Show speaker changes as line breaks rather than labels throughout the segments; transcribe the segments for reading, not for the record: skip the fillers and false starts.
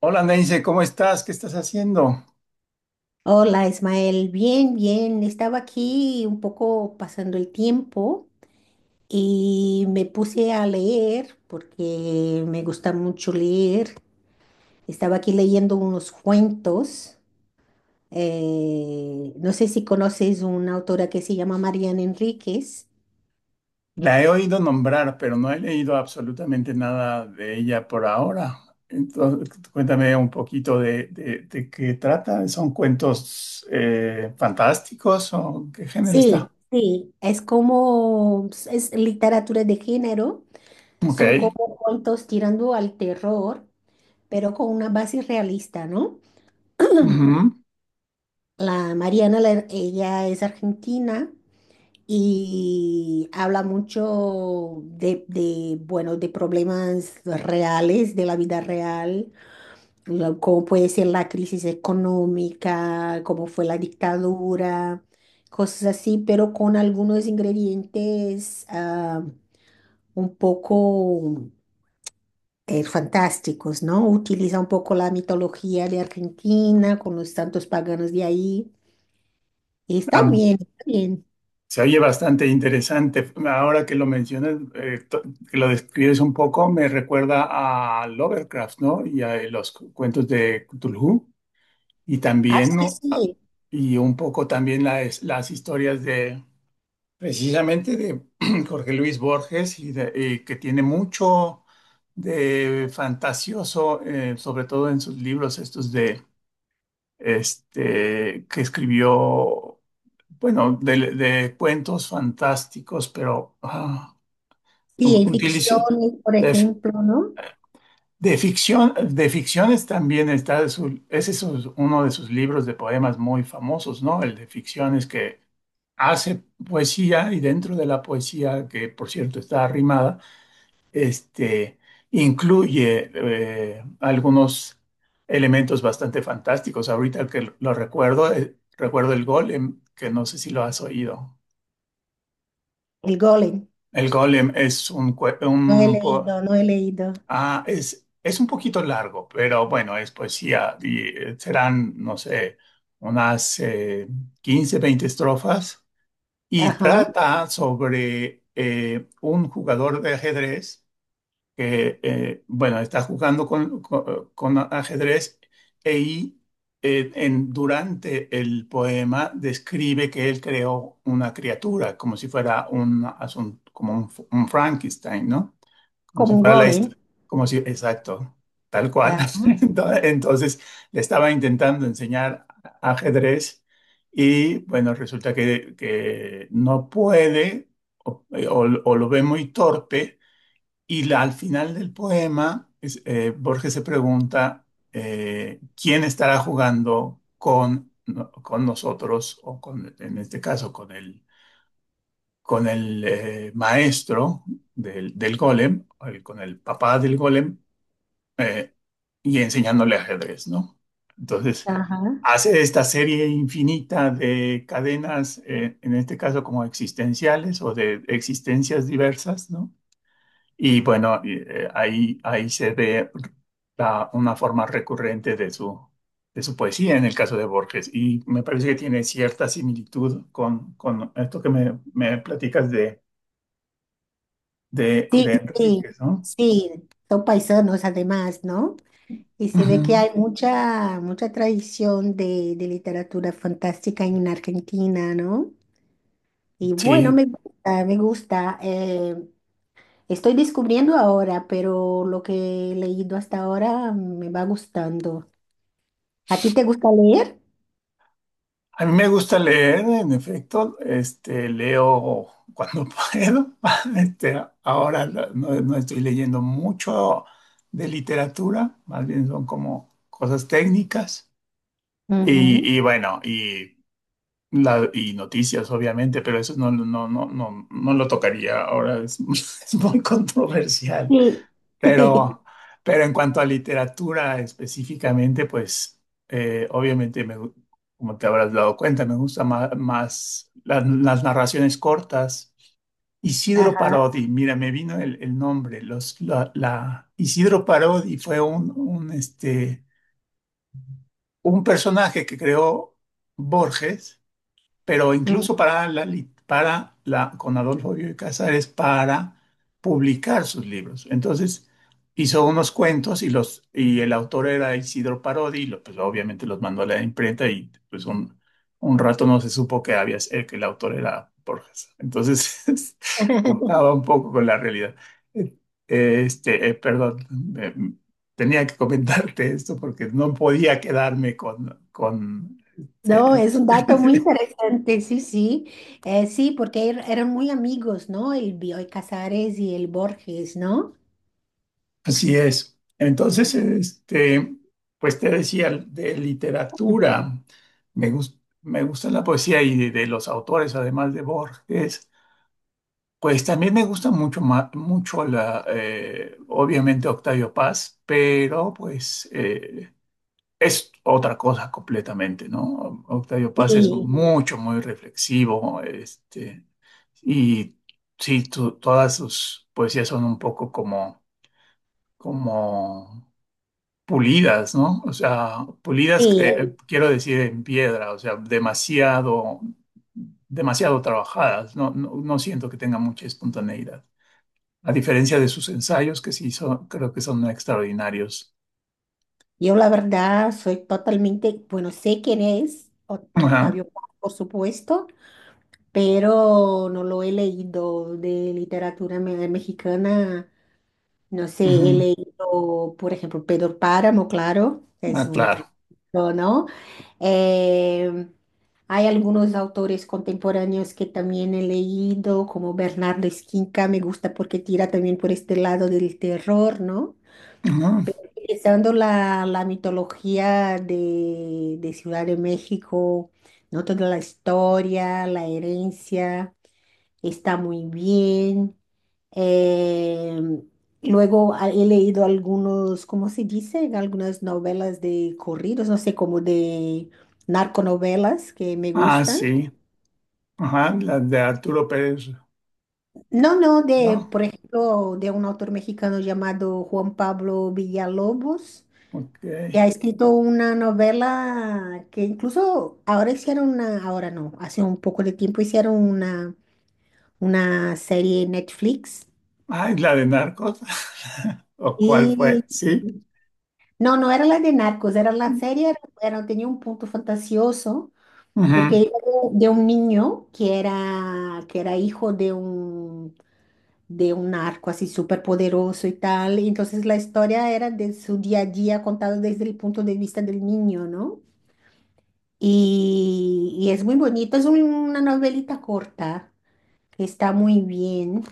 Hola Nancy, ¿cómo estás? ¿Qué estás haciendo?
Hola Ismael, bien, bien. Estaba aquí un poco pasando el tiempo y me puse a leer porque me gusta mucho leer. Estaba aquí leyendo unos cuentos. No sé si conoces una autora que se llama Mariana Enríquez.
La he oído nombrar, pero no he leído absolutamente nada de ella por ahora. Entonces, cuéntame un poquito de qué trata. ¿Son cuentos fantásticos o qué
Sí,
género está?
sí, sí. Es como, es literatura de género.
Ok.
Son como cuentos tirando al terror, pero con una base realista, ¿no?
Ujú.
La Mariana, ella es argentina y habla mucho de bueno, de problemas reales, de la vida real, cómo puede ser la crisis económica, cómo fue la dictadura, cosas así, pero con algunos ingredientes un poco fantásticos, ¿no? Utiliza un poco la mitología de Argentina con los santos paganos de ahí. Y está
Ah,
bien. Está bien.
se oye bastante interesante. Ahora que lo mencionas, que lo describes un poco, me recuerda a Lovecraft, ¿no? Y a los cuentos de Cthulhu. Y
Ah,
también,
sí,
¿no?
sí,
Y un poco también las historias de, precisamente de Jorge Luis Borges, y, y que tiene mucho de fantasioso, sobre todo en sus libros estos de, que escribió, bueno, de cuentos fantásticos, pero
sí, hay
utilizó...
ficciones, por ejemplo, ¿no?
De ficción, de ficciones también está ese es uno de sus libros de poemas muy famosos, ¿no? El de ficciones que hace poesía y dentro de la poesía, que por cierto está arrimada, este, incluye algunos elementos bastante fantásticos. Ahorita que lo recuerdo, recuerdo el Golem, que no sé si lo has oído.
El golem,
El Golem es un,
no he
un
leído, no he leído.
ah, es un poquito largo, pero bueno, es poesía y serán, no sé, unas 15, 20 estrofas y
Ajá,
trata sobre un jugador de ajedrez que, bueno, está jugando con ajedrez e y, durante el poema describe que él creó una criatura, como si fuera un, como un Frankenstein, ¿no? Como
como
si
un
fuera la
golem.
historia. Como si, exacto, tal cual.
Ajá,
Entonces le estaba intentando enseñar ajedrez y bueno, resulta que no puede o, o lo ve muy torpe y al final del poema Borges se pregunta quién estará jugando con, no, con nosotros o con, en este caso con él, con el maestro del golem, con el papá del golem, eh, y enseñándole ajedrez, ¿no? Entonces,
ajá.
hace esta serie infinita de cadenas, en este caso como existenciales o de existencias diversas, ¿no? Y bueno, y, ahí, ahí se ve una forma recurrente de su poesía en el caso de Borges. Y me parece que tiene cierta similitud con esto que me platicas
Sí,
de
sí,
Enríquez, ¿no?
sí, son paisanos además, ¿no? Y se ve que
Ujú.
hay mucha, mucha tradición de literatura fantástica en Argentina, ¿no? Y bueno,
Sí,
me gusta, me gusta. Estoy descubriendo ahora, pero lo que he leído hasta ahora me va gustando. ¿A ti te gusta leer?
a mí me gusta leer, en efecto, leo cuando puedo. Ahora no, no estoy leyendo mucho de literatura, más bien son como cosas técnicas
Ujú.
y bueno, y, y noticias, obviamente, pero eso no lo tocaría ahora, es, es muy controversial.
Sí. Sí,
Pero, pero en cuanto a literatura específicamente, pues obviamente, como te habrás dado cuenta, me gustan más, las narraciones cortas. Isidro
ajá.
Parodi, mira, me vino el nombre. Los, la, Isidro Parodi fue un, un personaje que creó Borges, pero
Ujú.
incluso para la, para la, con Adolfo Bioy Casares, para publicar sus libros. Entonces hizo unos cuentos y los, y el autor era Isidro Parodi, y pues obviamente los mandó a la imprenta y pues un rato no se supo que había, que el autor era Borges. Entonces juntaba un poco con la realidad. Eh, perdón, tenía que comentarte esto porque no podía quedarme con
No,
este,
es un dato muy interesante, sí, sí. Sí, porque eran muy amigos, ¿no? El Bioy Casares y el Borges, ¿no?
así es. Entonces, pues te decía, de literatura, me gusta la poesía y de los autores, además de Borges, pues también me gusta mucho, mucho la, obviamente Octavio Paz, pero pues es otra cosa completamente, ¿no? Octavio Paz es
Sí,
mucho, muy reflexivo, y sí, todas sus poesías son un poco como, como pulidas, ¿no? O sea, pulidas,
sí.
quiero decir en piedra, o sea, demasiado, demasiado trabajadas, no, no, no siento que tenga mucha espontaneidad, a diferencia de sus ensayos, que sí son, creo que son extraordinarios.
Yo la verdad soy totalmente, bueno, sé quién es
Ajá,
Octavio Paz, por supuesto, pero no lo he leído de literatura mexicana. No sé, he
ujú,
leído, por ejemplo, Pedro Páramo, claro, es
ah,
un
claro.
clásico, ¿no? Eh, hay algunos autores contemporáneos que también he leído, como Bernardo Esquinca, me gusta porque tira también por este lado del terror, ¿no?
Ujú.
Utilizando la, la mitología de Ciudad de México, ¿no? Toda la historia, la herencia está muy bien. Em, Luego he leído algunos, ¿cómo se dice? Algunas novelas de corridos, no sé, como de narconovelas que me
Ah,
gustan.
sí. Ajá, la de Arturo Pérez,
No, no, de,
¿no?
por ejemplo, de un autor mexicano llamado Juan Pablo Villalobos,
Ok.
que ha escrito una novela que incluso ahora hicieron una, ahora no, hace un poco de tiempo hicieron una serie en Netflix.
Ah, ¿y la de Narcos? ¿O cuál fue?
Y
Sí.
no, no era la de Narcos, era la serie, era, tenía un punto fantasioso, porque
Ujú.
iba de un niño que era hijo de un narco así súper poderoso y tal, y entonces la historia era de su día a día contado desde el punto de vista del niño, ¿no? Y es muy bonito, es una novelita corta, que está muy bien,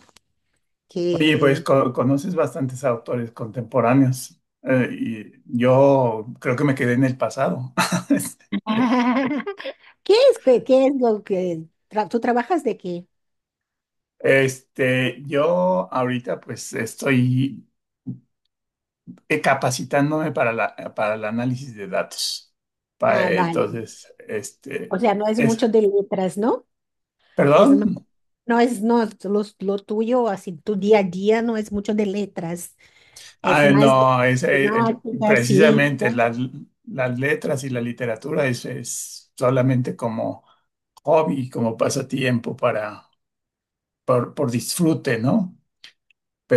Oye, pues
que...
conoces bastantes autores contemporáneos, y yo creo que me quedé en el pasado.
¿Qué es, qué, qué es lo que... ¿Tú trabajas de qué?
Yo ahorita pues estoy capacitándome para la, para el análisis de datos.
Ah, vale.
Entonces,
O sea, no es
es,
mucho de letras, ¿no? Es,
¿perdón?
no es no, lo tuyo, así, tu día a día no es mucho de letras, es
Ah,
más de
no, es,
temática, ciencia.
precisamente las letras y la literatura es solamente como hobby, como pasatiempo para por disfrute, ¿no?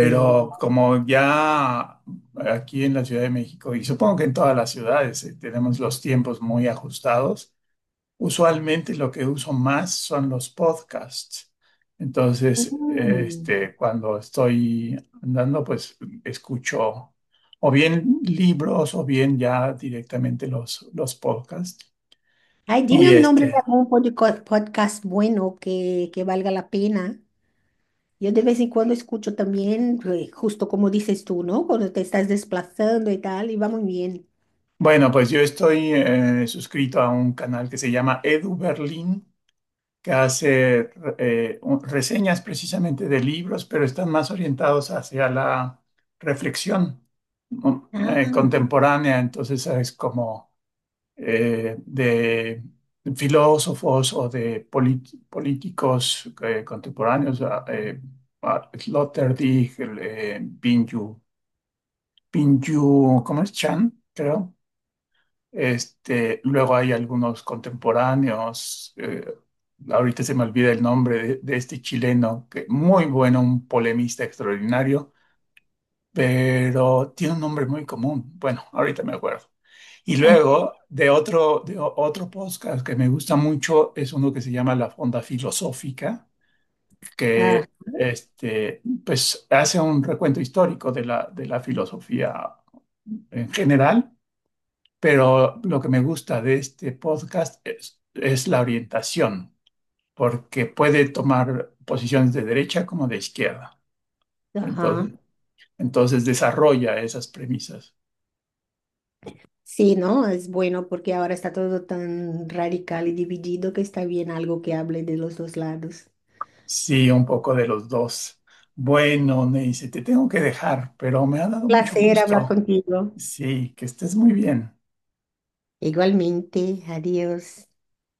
Sí.
como ya aquí en la Ciudad de México, y supongo que en todas las ciudades, tenemos los tiempos muy ajustados, usualmente lo que uso más son los podcasts. Entonces,
Mm.
cuando estoy andando, pues escucho o bien libros o bien ya directamente los podcasts.
Ay,
Y ok.
dime un nombre de algún podcast bueno que valga la pena. Yo de vez en cuando escucho también, justo como dices tú, ¿no? Cuando te estás desplazando y tal, y va muy bien.
Bueno, pues yo estoy suscrito a un canal que se llama Edu Berlín que hace reseñas precisamente de libros, pero están más orientados hacia la reflexión, ¿no?
Ah,
Contemporánea. Entonces es como de filósofos o de políticos contemporáneos, Sloterdijk, el, Pinju, Pinju, ¿cómo es? Chan, creo. Luego hay algunos contemporáneos, ahorita se me olvida el nombre de este chileno, que muy bueno, un polemista extraordinario, pero tiene un nombre muy común. Bueno, ahorita me acuerdo. Y luego de otro, de otro podcast que me gusta mucho es uno que se llama La Fonda Filosófica,
ah,
que pues hace un recuento histórico de la filosofía en general, pero lo que me gusta de este podcast es la orientación, porque puede tomar posiciones de derecha como de izquierda.
ajá.
Entonces, entonces desarrolla esas premisas.
Sí, ¿no? Es bueno porque ahora está todo tan radical y dividido que está bien algo que hable de los dos lados.
Sí, un poco de los dos. Bueno, me dice, te tengo que dejar, pero me ha dado mucho
Placer hablar
gusto.
contigo.
Sí, que estés muy bien.
Igualmente, adiós.